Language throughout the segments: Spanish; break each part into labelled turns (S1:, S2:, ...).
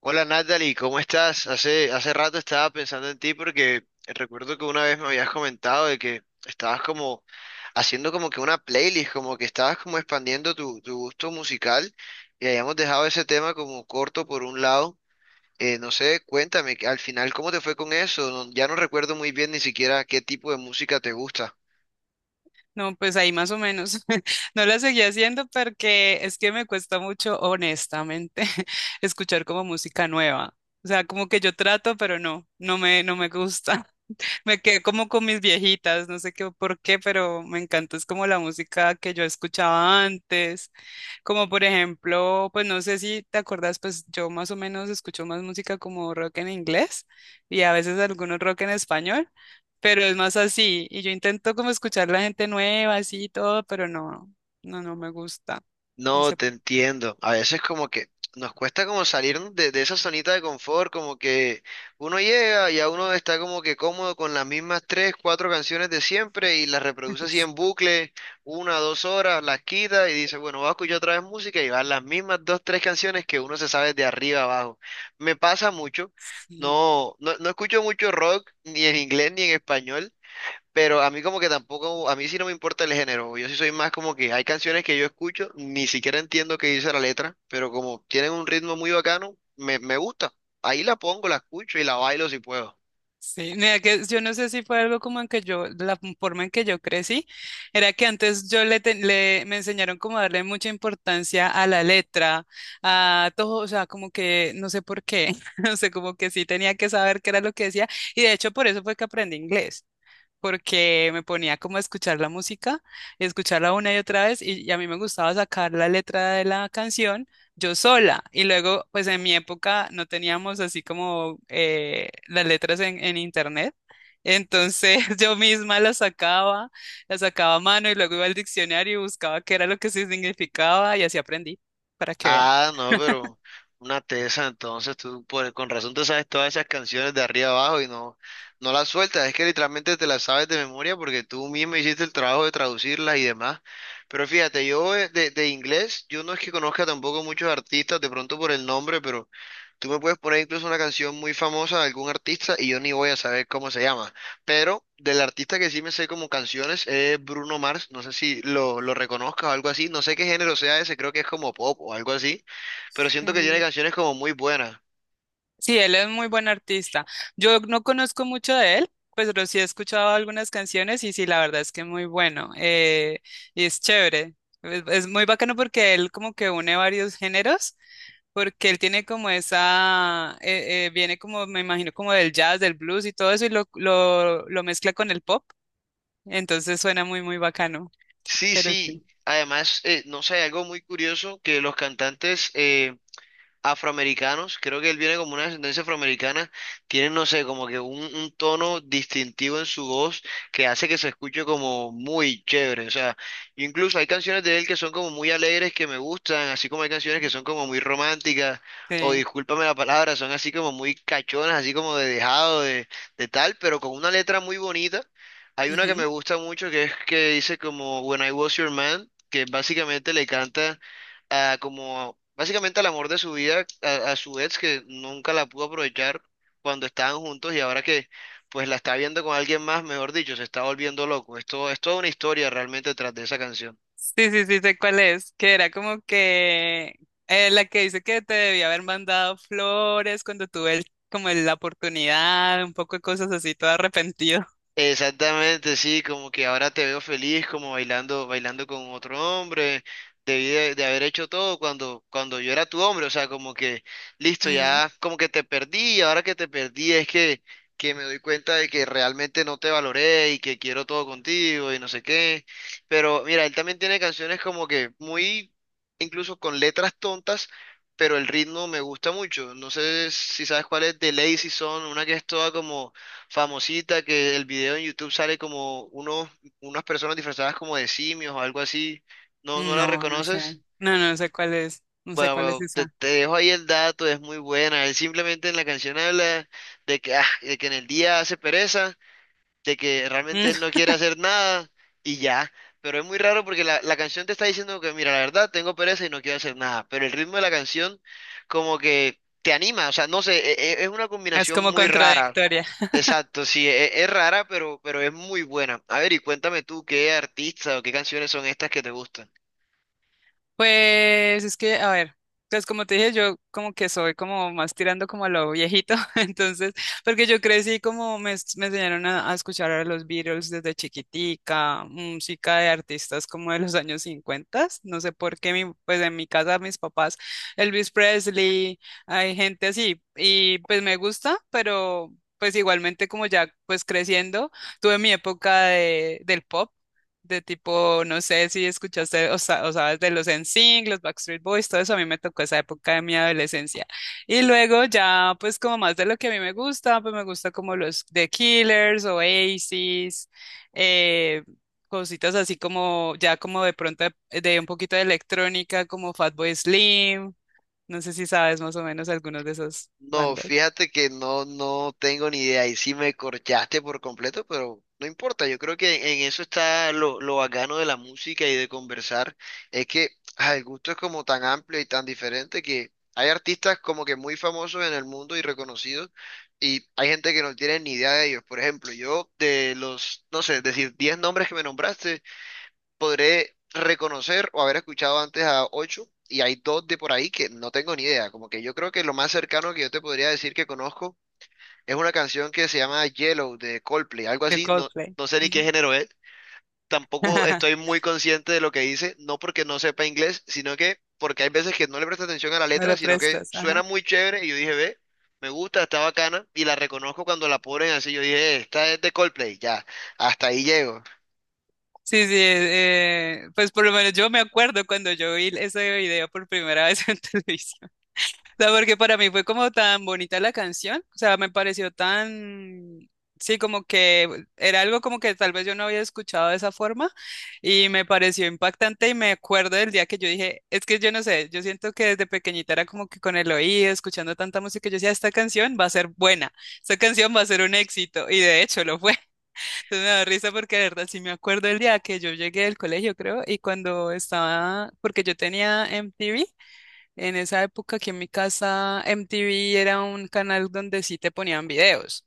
S1: Hola Natalie, ¿cómo estás? Hace rato estaba pensando en ti porque recuerdo que una vez me habías comentado de que estabas como haciendo como que una playlist, como que estabas como expandiendo tu gusto musical y habíamos dejado ese tema como corto por un lado. No sé, cuéntame, que al final, ¿cómo te fue con eso? No- ya no recuerdo muy bien ni siquiera qué tipo de música te gusta.
S2: No, pues ahí más o menos. No la seguí haciendo porque es que me cuesta mucho, honestamente, escuchar como música nueva. O sea, como que yo trato, pero no, no me gusta. Me quedé como con mis viejitas, no sé qué por qué, pero me encanta, es como la música que yo escuchaba antes, como por ejemplo, pues no sé si te acuerdas, pues yo más o menos escucho más música como rock en inglés y a veces algunos rock en español, pero es más así, y yo intento como escuchar la gente nueva, así y todo, pero no, no, no me gusta, no
S1: No,
S2: sé
S1: te
S2: por
S1: entiendo. A veces como que nos cuesta como salir de esa zonita de confort, como que uno llega y a uno está como que cómodo con las mismas tres, cuatro canciones de siempre y las
S2: qué.
S1: reproduce así en bucle, una, dos horas, las quita y dice, bueno, voy a escuchar otra vez música y van las mismas dos, tres canciones que uno se sabe de arriba abajo. Me pasa mucho.
S2: Sí.
S1: No, no, no escucho mucho rock, ni en inglés ni en español. Pero a mí como que tampoco, a mí sí no me importa el género. Yo sí soy más como que hay canciones que yo escucho, ni siquiera entiendo qué dice la letra, pero como tienen un ritmo muy bacano, me gusta. Ahí la pongo, la escucho y la bailo si puedo.
S2: Sí, mira que yo no sé si fue algo como en que yo, la forma en que yo crecí, era que antes yo le, te- le- me enseñaron como a darle mucha importancia a la letra, a todo, o sea, como que no sé por qué, no sé, como que sí tenía que saber qué era lo que decía, y de hecho por eso fue que aprendí inglés porque me ponía como a escuchar la música y escucharla una y otra vez y a mí me gustaba sacar la letra de la canción yo sola y luego pues en mi época no teníamos así como las letras en internet. Entonces yo misma las sacaba a mano y luego iba al diccionario y buscaba qué era lo que sí significaba y así aprendí, para que vean.
S1: Ah, no, pero una tesa, entonces tú por, con razón te sabes todas esas canciones de arriba abajo y no, no las sueltas, es que literalmente te las sabes de memoria porque tú mismo hiciste el trabajo de traducirlas y demás. Pero fíjate, yo de inglés, yo no es que conozca tampoco muchos artistas, de pronto por el nombre, pero tú me puedes poner incluso una canción muy famosa de algún artista y yo ni voy a saber cómo se llama. Pero del artista que sí me sé como canciones es Bruno Mars. No sé si lo reconozcas o algo así. No sé qué género sea ese, creo que es como pop o algo así. Pero siento que tiene
S2: Sí.
S1: canciones como muy buenas.
S2: Sí, él es muy buen artista. Yo no conozco mucho de él, pues, pero sí he escuchado algunas canciones y sí, la verdad es que es muy bueno. Y es chévere. Es muy bacano porque él como que une varios géneros, porque él tiene como esa, viene como, me imagino, como del jazz, del blues y todo eso y lo mezcla con el pop. Entonces suena muy, muy bacano.
S1: Sí,
S2: Pero sí.
S1: sí. Además, no sé, algo muy curioso que los cantantes afroamericanos, creo que él viene como una descendencia afroamericana, tienen, no sé, como que un tono distintivo en su voz que hace que se escuche como muy chévere, o sea, incluso hay canciones de él que son como muy alegres, que me gustan, así como hay canciones que son como muy románticas, o
S2: Sí.
S1: discúlpame la palabra, son así como muy cachonas, así como de dejado, de tal, pero con una letra muy bonita. Hay una que me
S2: Ujú.
S1: gusta mucho que es que dice como When I Was Your Man, que básicamente le canta a como básicamente al amor de su vida, a su ex que nunca la pudo aprovechar cuando estaban juntos y ahora que pues la está viendo con alguien más, mejor dicho, se está volviendo loco. Esto es toda una historia realmente tras de esa canción.
S2: Sí, sí, sí, sé cuál es, que era como que la que dice que te debía haber mandado flores cuando tuve el- como el- la oportunidad, un poco de cosas así, todo arrepentido.
S1: Exactamente, sí, como que ahora te veo feliz, como bailando con otro hombre, debí de haber hecho todo cuando yo era tu hombre, o sea, como que, listo,
S2: Ujú.
S1: ya, como que te perdí, y ahora que te perdí es que me doy cuenta de que realmente no te valoré y que quiero todo contigo y no sé qué, pero mira, él también tiene canciones como que muy, incluso con letras tontas, pero el ritmo me gusta mucho, no sé si sabes cuál es, de Lazy Son, una que es toda como famosita que el video en YouTube sale como unos, unas personas disfrazadas como de simios o algo así. ¿No, no la
S2: No, no sé.
S1: reconoces?
S2: No, no sé cuál es. No sé
S1: Bueno,
S2: cuál es
S1: bueno,
S2: esa.
S1: te dejo ahí el dato, es muy buena. Él simplemente en la canción habla de que, ah, de que en el día hace pereza, de que realmente
S2: Mm.
S1: él no quiere hacer nada y ya. Pero es muy raro porque la canción te está diciendo que, mira, la verdad, tengo pereza y no quiero hacer nada. Pero el ritmo de la canción como que te anima, o sea, no sé, e- e- es una
S2: Es
S1: combinación
S2: como
S1: muy rara.
S2: contradictoria.
S1: Exacto, sí, e- es, rara, pero es muy buena. A ver, y cuéntame tú, ¿qué artista o qué canciones son estas que te gustan?
S2: Pues es que, a ver, pues como te dije, yo como que soy como más tirando como a lo viejito, entonces, porque yo crecí como me enseñaron a escuchar a los Beatles desde chiquitica, música de artistas como de los años 50, no sé por qué, mi, pues en mi casa mis papás, Elvis Presley, hay gente así, y pues me gusta, pero pues igualmente como ya pues creciendo, tuve mi época de, del pop de tipo, no sé si escuchaste o sabes de los NSYNC, los Backstreet Boys, todo eso a mí me tocó esa época de mi adolescencia. Y luego ya, pues como más de lo que a mí me gusta, pues me gusta como los The Killers, Oasis, eh, cositas así como, ya como de pronto de un poquito de electrónica, como Fatboy Slim, no sé si sabes más o menos algunos de esas
S1: No,
S2: bandas
S1: fíjate que no, no tengo ni idea. Y sí me corchaste por completo, pero no importa. Yo creo que en eso está lo bacano de la música y de conversar. Es que ah, el gusto es como tan amplio y tan diferente que hay artistas como que muy famosos en el mundo y reconocidos, y hay gente que no tiene ni idea de ellos. Por ejemplo, yo de los, no sé, decir 10 nombres que me nombraste. Podré reconocer o haber escuchado antes a ocho y hay dos de por ahí que no tengo ni idea. Como que yo creo que lo más cercano que yo te podría decir que conozco es una canción que se llama Yellow de Coldplay, algo
S2: de
S1: así. No,
S2: Coldplay.
S1: no sé ni qué
S2: Ujú.
S1: género es. Tampoco estoy muy consciente de lo que dice, no porque no sepa inglés, sino que porque hay veces que no le presto atención a la
S2: No
S1: letra,
S2: le
S1: sino que
S2: prestas,
S1: suena
S2: ajá.
S1: muy chévere y yo dije, ve, me gusta, está bacana y la reconozco cuando la ponen así. Yo dije, esta es de Coldplay, ya, hasta ahí llego.
S2: Sí, sí, pues por lo menos yo me acuerdo cuando yo vi ese video por primera vez en televisión. O sea, porque para mí fue como tan bonita la canción, o sea, me pareció tan, sí, como que era algo como que tal vez yo no había escuchado de esa forma y me pareció impactante y me acuerdo del día que yo dije, es que yo no sé, yo siento que desde pequeñita era como que con el oído, escuchando tanta música, yo decía, esta canción va a ser buena, esta canción va a ser un éxito y de hecho lo fue. Entonces me da risa porque de verdad sí me acuerdo el día que yo llegué del colegio, creo, y cuando estaba, porque yo tenía MTV, en esa época aquí en mi casa MTV era un canal donde sí te ponían videos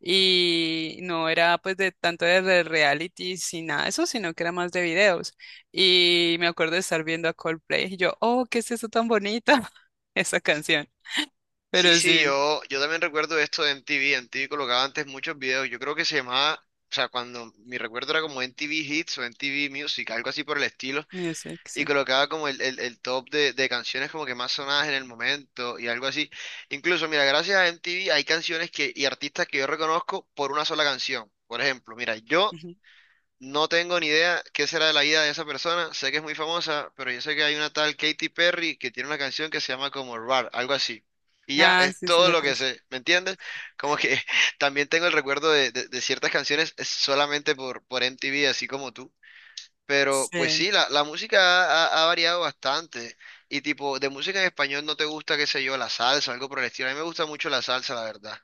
S2: y no era pues de tanto de realities y nada de eso, sino que era más de videos. Y me acuerdo de estar viendo a Coldplay y yo, oh, ¿qué es eso tan bonito? Esa canción.
S1: Sí,
S2: Pero
S1: sí,
S2: sí,
S1: yo también recuerdo esto de MTV. MTV colocaba antes muchos videos. Yo creo que se llamaba, o sea, cuando mi recuerdo era como MTV Hits o MTV Music, algo así por el estilo.
S2: mira, sí, que
S1: Y
S2: sí.
S1: colocaba como el top de canciones como que más sonadas en el momento y algo así. Incluso, mira, gracias a MTV hay canciones que, y artistas que yo reconozco por una sola canción. Por ejemplo, mira, yo
S2: Ujú.
S1: no tengo ni idea qué será de la vida de esa persona. Sé que es muy famosa, pero yo sé que hay una tal Katy Perry que tiene una canción que se llama como Rar, algo así. Y ya,
S2: Ah,
S1: es
S2: sí, sí,
S1: todo
S2: la
S1: lo que
S2: conozco.
S1: sé, ¿me entiendes? Como que también tengo el recuerdo de ciertas canciones solamente por MTV, así como tú. Pero pues
S2: Sí.
S1: sí, la música ha, ha- ha variado bastante. Y tipo, de música en español no te gusta, qué sé yo, la salsa, algo por el estilo. A mí me gusta mucho la salsa, la verdad.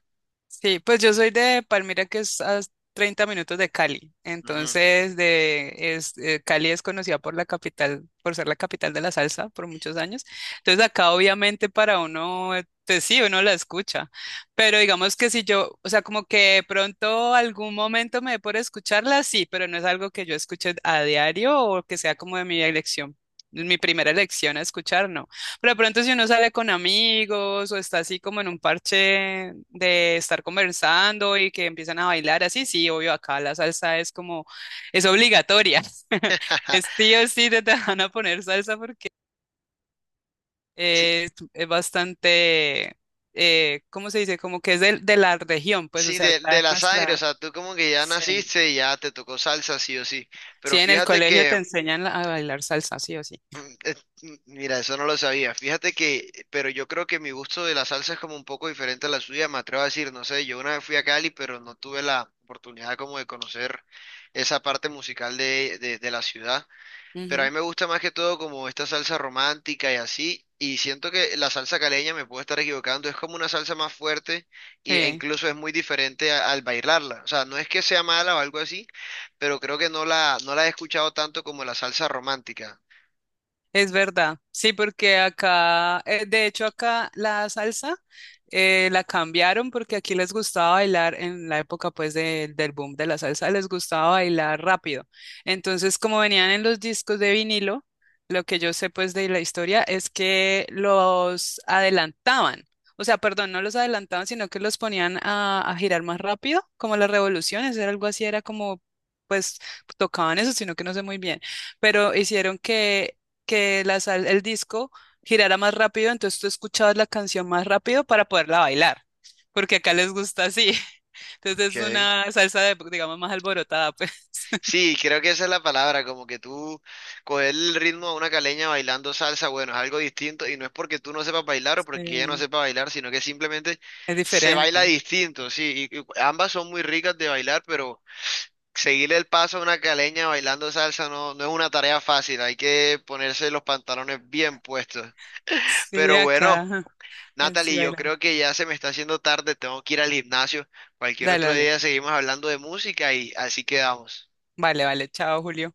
S2: Sí, pues yo soy de Palmira, que es a 30 minutos de Cali.
S1: Ujú.
S2: Entonces, de, es, Cali es conocida por la capital, por ser la capital de la salsa por muchos años. Entonces, acá obviamente para uno, pues sí, uno la escucha. Pero digamos que si yo, o sea, como que de pronto algún momento me dé por escucharla, sí, pero no es algo que yo escuche a diario o que sea como de mi elección, mi primera elección a escuchar, no. Pero de pronto si uno sale con amigos o está así como en un parche de estar conversando y que empiezan a bailar así, sí, obvio, acá la salsa es como, es obligatoria. Es sí o sí te van a poner salsa porque
S1: Sí,
S2: es bastante, ¿cómo se dice? Como que es de la región, pues, o
S1: sí,
S2: sea, está
S1: de
S2: en
S1: la sangre, o
S2: nuestra...
S1: sea, tú como que ya
S2: Sí.
S1: naciste y ya te tocó salsa, sí o sí.
S2: Sí,
S1: Pero
S2: en el
S1: fíjate
S2: colegio te
S1: que,
S2: enseñan a bailar salsa, sí o sí.
S1: es- mira, eso no lo sabía. Fíjate que, pero yo creo que mi gusto de la salsa es como un poco diferente a la suya, me atrevo a decir, no sé, yo una vez fui a Cali, pero no tuve la oportunidad como de conocer esa parte musical de la ciudad. Pero a
S2: Ujú,
S1: mí me gusta más que todo como esta salsa romántica y así. Y siento que la salsa caleña, me puedo estar equivocando, es como una salsa más fuerte y- e
S2: sí.
S1: incluso es muy diferente a- al bailarla. O sea, no es que sea mala o algo así, pero creo que no no la he escuchado tanto como la salsa romántica.
S2: Es verdad, sí, porque acá, de hecho acá la salsa la cambiaron porque aquí les gustaba bailar en la época pues del boom de la salsa, les gustaba bailar rápido. Entonces, como venían en los discos de vinilo, lo que yo sé pues de la historia es que los adelantaban, o sea, perdón, no los adelantaban, sino que los ponían a girar más rápido, como las revoluciones, era algo así, era como... pues tocaban eso, sino que no sé muy bien pero hicieron que el disco girara más rápido, entonces tú escuchabas la canción más rápido para poderla bailar, porque acá les gusta así. Entonces es
S1: Okay.
S2: una salsa de, digamos, más alborotada, pues.
S1: Sí, creo que esa es la palabra, como que tú coger el ritmo a una caleña bailando salsa, bueno, es algo distinto y no es porque tú no sepas bailar o porque ella no
S2: Sí,
S1: sepa bailar, sino que simplemente
S2: es
S1: se baila
S2: diferente.
S1: distinto, sí, y ambas son muy ricas de bailar, pero seguirle el paso a una caleña bailando salsa no, no es una tarea fácil, hay que ponerse los pantalones bien puestos.
S2: Sí,
S1: Pero
S2: acá.
S1: bueno,
S2: Ajá. Sí,
S1: Natalie, yo
S2: baila.
S1: creo que ya se me está haciendo tarde, tengo que ir al gimnasio. Cualquier
S2: Dale,
S1: otro
S2: dale.
S1: día seguimos hablando de música y así quedamos.
S2: Vale, vale. Chao, Julio.